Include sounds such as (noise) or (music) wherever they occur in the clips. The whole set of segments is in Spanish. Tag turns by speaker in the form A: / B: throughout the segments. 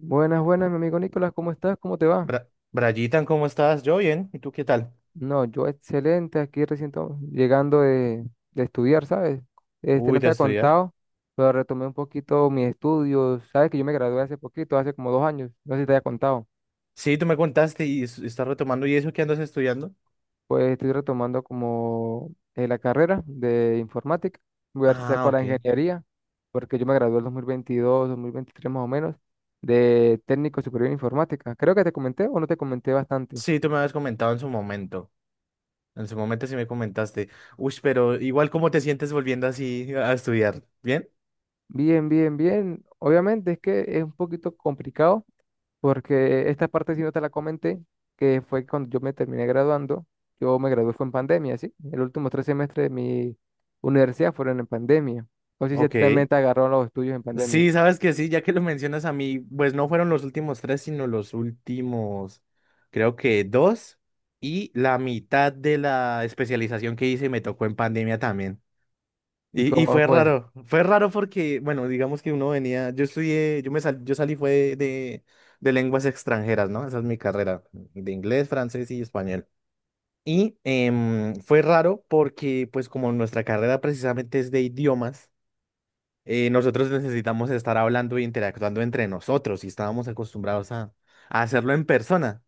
A: Buenas, buenas, mi amigo Nicolás, ¿cómo estás? ¿Cómo te va?
B: Bra- Brayitan, ¿cómo estás? Yo bien, ¿y tú qué tal?
A: No, yo excelente, aquí recién llegando de estudiar, ¿sabes? Este,
B: Uy,
A: no te
B: de
A: ha
B: estudiar.
A: contado, pero retomé un poquito mis estudios, ¿sabes? Que yo me gradué hace poquito, hace como 2 años, no sé si te haya contado.
B: Sí, tú me contaste y es- estás retomando, ¿y eso que andas estudiando?
A: Pues estoy retomando como la carrera de informática, voy a ver si
B: Ah,
A: saco la
B: ok.
A: ingeniería, porque yo me gradué en 2022, 2023 más o menos, de técnico superior en informática. Creo que te comenté o no te comenté bastante.
B: Sí, tú me habías comentado en su momento. En su momento sí me comentaste. Uy, pero igual, ¿cómo te sientes volviendo así a estudiar? ¿Bien?
A: Bien, bien, bien. Obviamente es que es un poquito complicado porque esta parte sí no te la comenté, que fue cuando yo me terminé graduando. Yo me gradué fue en pandemia, ¿sí? El último 3 semestres de mi universidad fueron en pandemia. No sé si a ti también
B: Ok.
A: te agarraron los estudios en pandemia.
B: Sí, sabes que sí, ya que lo mencionas a mí, pues no fueron los últimos tres, sino los últimos, creo que dos, y la mitad de la especialización que hice me tocó en pandemia también.
A: ¿Y
B: Y
A: cómo fue?
B: fue raro porque, bueno, digamos que uno venía, yo estudié, yo me sal- yo salí fue de lenguas extranjeras, ¿no? Esa es mi carrera, de inglés, francés y español. Y fue raro porque, pues como nuestra carrera precisamente es de idiomas, nosotros necesitamos estar hablando e interactuando entre nosotros y estábamos acostumbrados a hacerlo en persona.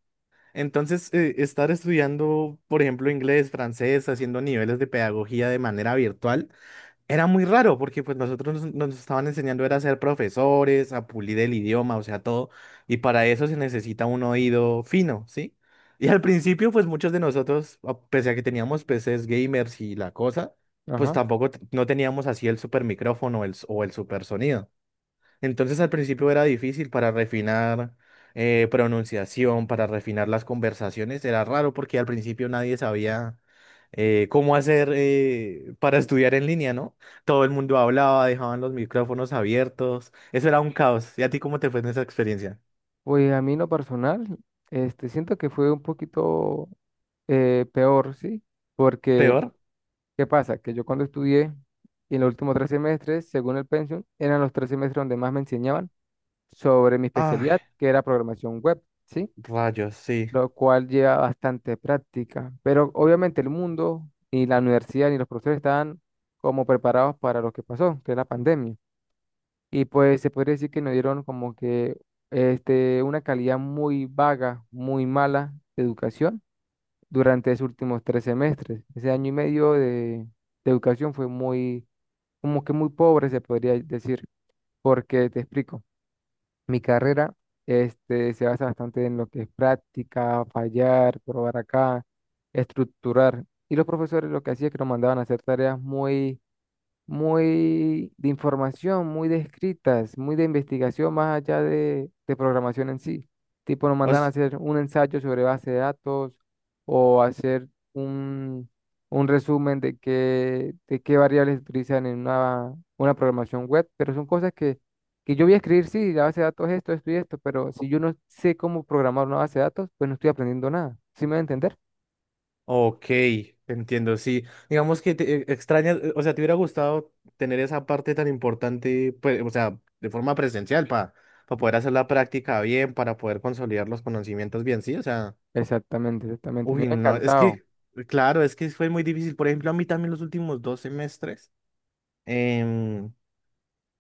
B: Entonces, estar estudiando, por ejemplo, inglés, francés, haciendo niveles de pedagogía de manera virtual era muy raro porque pues nosotros nos estaban enseñando era a ser profesores, a pulir el idioma, o sea, todo, y para eso se necesita un oído fino, ¿sí? Y al principio pues muchos de nosotros, a- pese a que teníamos PCs gamers y la cosa, pues
A: Ajá.
B: tampoco t- no teníamos así el super micrófono el, s- o el super sonido. Entonces al principio era difícil para refinar pronunciación, para refinar las conversaciones. Era raro porque al principio nadie sabía cómo hacer para estudiar en línea, ¿no? Todo el mundo hablaba, dejaban los micrófonos abiertos. Eso era un caos. ¿Y a ti cómo te fue en esa experiencia?
A: Pues a mí en lo personal, este, siento que fue un poquito peor, ¿sí? Porque,
B: ¿Peor?
A: ¿qué pasa? Que yo cuando estudié, y en los últimos 3 semestres, según el pensum, eran los 3 semestres donde más me enseñaban sobre mi
B: Ay,
A: especialidad, que era programación web, ¿sí?
B: rayos, sí.
A: Lo cual lleva bastante práctica. Pero obviamente el mundo, ni la universidad, ni los profesores estaban como preparados para lo que pasó, que es la pandemia. Y pues se podría decir que nos dieron como que este, una calidad muy vaga, muy mala de educación durante esos últimos 3 semestres. Ese año y medio de educación fue muy, como que muy pobre, se podría decir, porque te explico. Mi carrera, este, se basa bastante en lo que es práctica, fallar, probar acá, estructurar. Y los profesores lo que hacían es que nos mandaban a hacer tareas muy muy de información, muy de escritas, muy de investigación más allá de programación en sí. Tipo, nos mandan a hacer un ensayo sobre base de datos o hacer un, un resumen de qué variables utilizan en una programación web, pero son cosas que yo voy a escribir, sí, la base de datos es esto, esto y esto, pero si yo no sé cómo programar una base de datos, pues no estoy aprendiendo nada. ¿Sí me va a entender?
B: Ok, entiendo, sí. Digamos que te extrañas, o sea, te hubiera gustado tener esa parte tan importante, pues, o sea, de forma presencial, para poder hacer la práctica bien, para poder consolidar los conocimientos bien, sí, o sea,
A: Exactamente, exactamente. Me
B: uy,
A: ha
B: no, es
A: encantado.
B: que, claro, es que fue muy difícil. Por ejemplo, a mí también los últimos dos semestres em,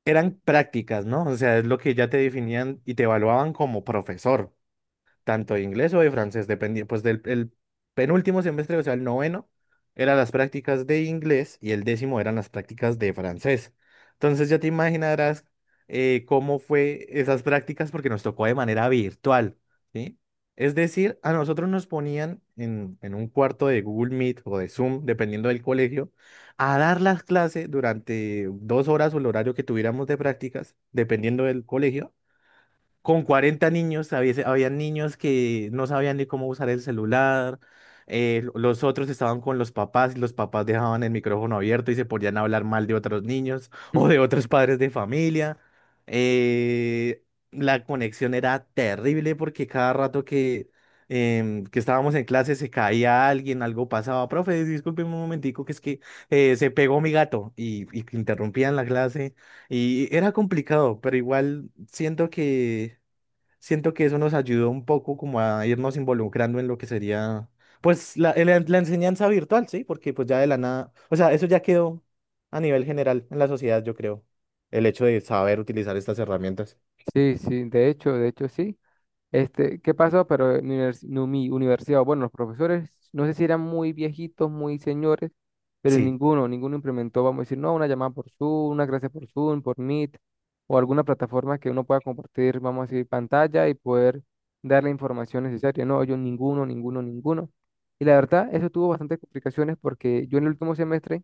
B: eran prácticas, ¿no? O sea, es lo que ya te definían y te evaluaban como profesor tanto de inglés o de francés, dependiendo pues del el penúltimo semestre, o sea, el noveno, eran las prácticas de inglés y el décimo eran las prácticas de francés. Entonces ya te imaginarás cómo fue esas prácticas porque nos tocó de manera virtual, ¿sí? Es decir, a nosotros nos ponían en un cuarto de Google Meet o de Zoom, dependiendo del colegio, a dar las clases durante dos horas o el horario que tuviéramos de prácticas, dependiendo del colegio con 40 niños, había, había niños que no sabían ni cómo usar el celular, los otros estaban con los papás y los papás dejaban el micrófono abierto y se podían hablar mal de otros niños (laughs) o de
A: (laughs)
B: otros padres de familia. Eh, la conexión era terrible porque cada rato que, que estábamos en clase se caía alguien, algo pasaba. Profe, disculpe un momentico, que es que se pegó mi gato y interrumpían la clase y era complicado, pero igual siento que eso nos ayudó un poco como a irnos involucrando en lo que sería, pues, la enseñanza virtual, ¿sí? Porque pues ya de la nada, o sea, eso ya quedó a nivel general en la sociedad, yo creo, el hecho de saber utilizar estas herramientas.
A: Sí, sí, de hecho sí. Este, ¿qué pasó? Pero en mi universidad, bueno, los profesores, no sé si eran muy viejitos, muy señores, pero
B: Sí,
A: ninguno, ninguno implementó, vamos a decir, no, una llamada por Zoom, una clase por Zoom, por Meet, o alguna plataforma que uno pueda compartir, vamos a decir, pantalla y poder dar la información necesaria. No, yo ninguno, ninguno, ninguno. Y la verdad, eso tuvo bastantes complicaciones porque yo en el último semestre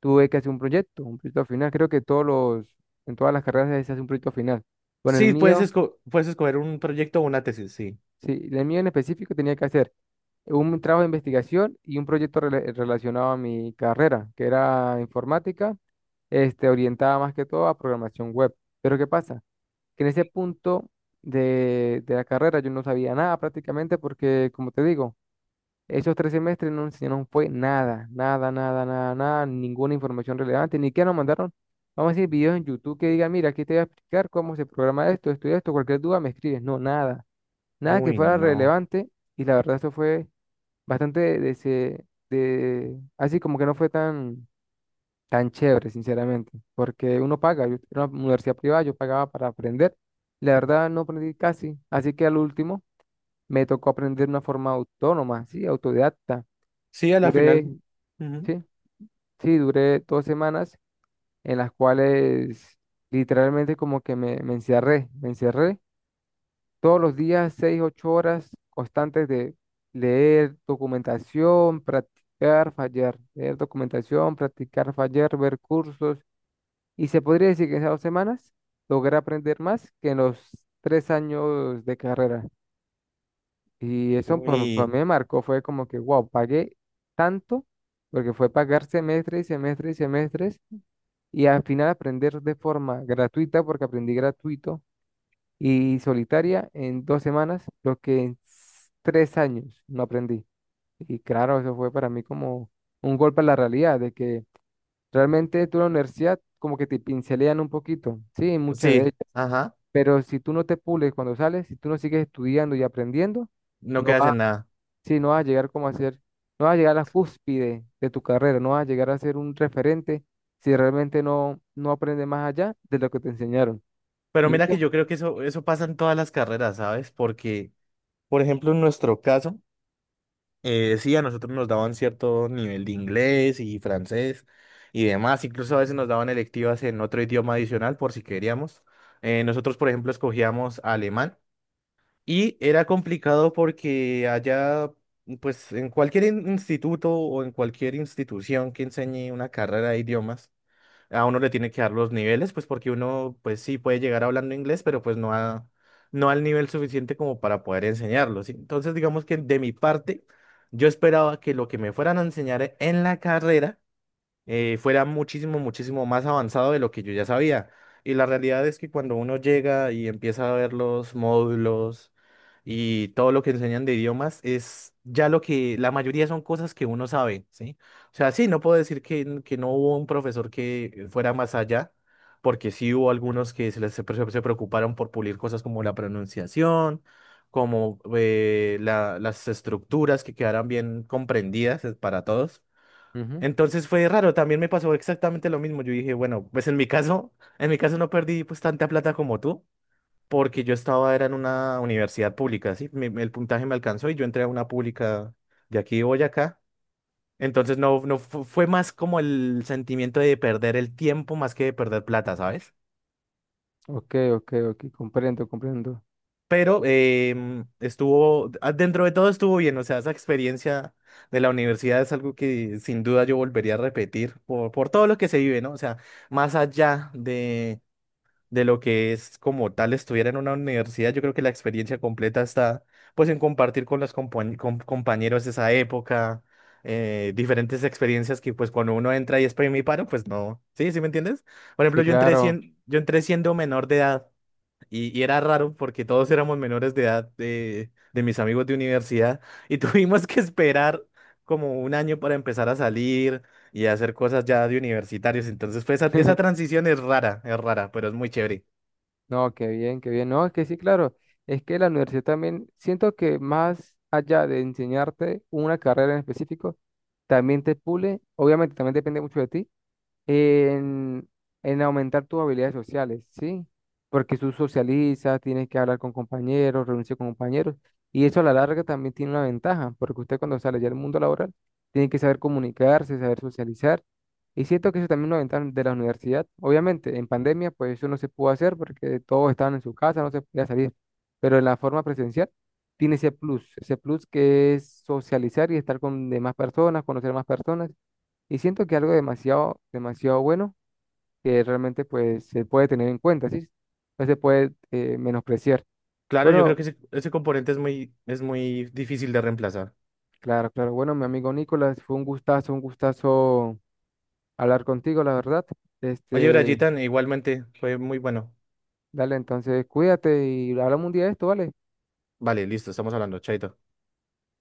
A: tuve que hacer un proyecto final. Creo que todos los, en todas las carreras se hace un proyecto final. Con el
B: sí, puedes,
A: mío.
B: esco- puedes escoger un proyecto o una tesis, sí.
A: Sí, el mío en específico tenía que hacer un trabajo de investigación y un proyecto relacionado a mi carrera, que era informática, este, orientada más que todo a programación web. Pero ¿qué pasa? Que en ese punto de la carrera yo no sabía nada prácticamente porque, como te digo, esos 3 semestres no enseñaron fue nada, nada, nada, nada, nada, ninguna información relevante, ni que nos mandaron, vamos a decir, videos en YouTube que digan, mira, aquí te voy a explicar cómo se programa esto, esto y esto, cualquier duda me escribes, no, nada. Nada que
B: Uy,
A: fuera
B: no.
A: relevante y la verdad esto fue bastante así como que no fue tan, tan chévere, sinceramente, porque uno paga, yo era una universidad privada, yo pagaba para aprender, y la verdad no aprendí casi, así que al último me tocó aprender de una forma autónoma, sí, autodidacta.
B: Sí, a la
A: Duré,
B: final. Ujú.
A: sí, sí, duré 2 semanas en las cuales literalmente como que me encerré, me encerré. Todos los días, 6, 8 horas constantes de leer documentación, practicar, fallar, leer documentación, practicar, fallar, ver cursos. Y se podría decir que en esas 2 semanas logré aprender más que en los 3 años de carrera. Y eso pues, para mí
B: Uy,
A: me marcó, fue como que, wow, pagué tanto, porque fue pagar semestres y semestres y semestres, y al final aprender de forma gratuita, porque aprendí gratuito y solitaria en 2 semanas, lo que en 3 años no aprendí. Y claro, eso fue para mí como un golpe a la realidad, de que realmente tú en la universidad como que te pincelean un poquito, sí, muchas de
B: sí,
A: ellas,
B: ajá,
A: pero si tú no te pules cuando sales, si tú no sigues estudiando y aprendiendo,
B: no
A: no
B: quedas
A: vas,
B: en nada.
A: sí, no vas a llegar como a ser, no vas a llegar a la cúspide de tu carrera, no vas a llegar a ser un referente si realmente no, no aprendes más allá de lo que te enseñaron.
B: Pero
A: Y
B: mira que
A: eso,
B: yo creo que eso pasa en todas las carreras, ¿sabes? Porque, por ejemplo, en nuestro caso, sí, a nosotros nos daban cierto nivel de inglés y francés y demás. Incluso a veces nos daban electivas en otro idioma adicional por si queríamos. Nosotros, por ejemplo, escogíamos alemán y era complicado porque allá, pues en cualquier in- instituto o en cualquier institución que enseñe una carrera de idiomas, a uno le tiene que dar los niveles, pues porque uno, pues sí puede llegar hablando inglés, pero pues no a, no al nivel suficiente como para poder enseñarlo, ¿sí? Entonces, digamos que de mi parte, yo esperaba que lo que me fueran a enseñar en la carrera fuera muchísimo, muchísimo más avanzado de lo que yo ya sabía. Y la realidad es que cuando uno llega y empieza a ver los módulos y todo lo que enseñan de idiomas, es ya lo que la mayoría son cosas que uno sabe, ¿sí? O sea, sí, no puedo decir que, n- que no hubo un profesor que fuera más allá, porque sí hubo algunos que se preocuparon por pulir cosas como la pronunciación, como la- las estructuras que quedaran bien comprendidas para todos. Entonces fue raro, también me pasó exactamente lo mismo. Yo dije, bueno, pues en mi caso no perdí pues tanta plata como tú, porque yo estaba, era en una universidad pública, ¿sí? Mi- el puntaje me alcanzó y yo entré a una pública de aquí de Boyacá. Entonces no, no fu- fue más como el sentimiento de perder el tiempo más que de perder plata, ¿sabes?
A: ok, ok, ok, comprendo, comprendo.
B: Pero estuvo, ah, dentro de todo estuvo bien, o sea, esa experiencia de la universidad es algo que sin duda yo volvería a repetir por todo lo que se vive, ¿no? O sea, más allá de lo que es como tal estudiar en una universidad, yo creo que la experiencia completa está pues en compartir con los compañeros de esa época, diferentes experiencias que pues cuando uno entra y es paro, pues no, ¿sí? ¿Sí me entiendes? Por ejemplo,
A: Sí,
B: yo entré,
A: claro.
B: sien- yo entré siendo menor de edad. Y era raro porque todos éramos menores de edad de mis amigos de universidad y (laughs) tuvimos que esperar como un año para empezar a salir y a hacer cosas ya de universitarios. Entonces, fue esa, esa
A: (laughs)
B: transición es rara, pero es muy chévere.
A: No, qué bien, qué bien. No, es que sí, claro. Es que la universidad también, siento que más allá de enseñarte una carrera en específico, también te pule. Obviamente, también depende mucho de ti en, en aumentar tus habilidades sociales, ¿sí? Porque tú socializas, tienes que hablar con compañeros, reunirse con compañeros, y eso a la larga también tiene una ventaja, porque usted cuando sale ya al mundo laboral, tiene que saber comunicarse, saber socializar, y siento que eso también es una ventaja de la universidad. Obviamente, en pandemia, pues eso no se pudo hacer porque todos estaban en su casa, no se podía salir, pero en la forma presencial tiene ese plus que es socializar y estar con demás personas, conocer más personas y siento que algo demasiado, demasiado bueno que realmente pues se puede tener en cuenta, ¿sí? No se puede menospreciar.
B: Claro, yo creo
A: Bueno,
B: que ese componente es muy difícil de reemplazar.
A: claro, claro. Bueno, mi amigo Nicolás, fue un gustazo hablar contigo, la verdad.
B: Oye,
A: Este,
B: Brayitan, igualmente fue muy bueno.
A: dale, entonces cuídate y hablamos un día de esto, ¿vale?
B: Vale, listo, estamos hablando, chaito.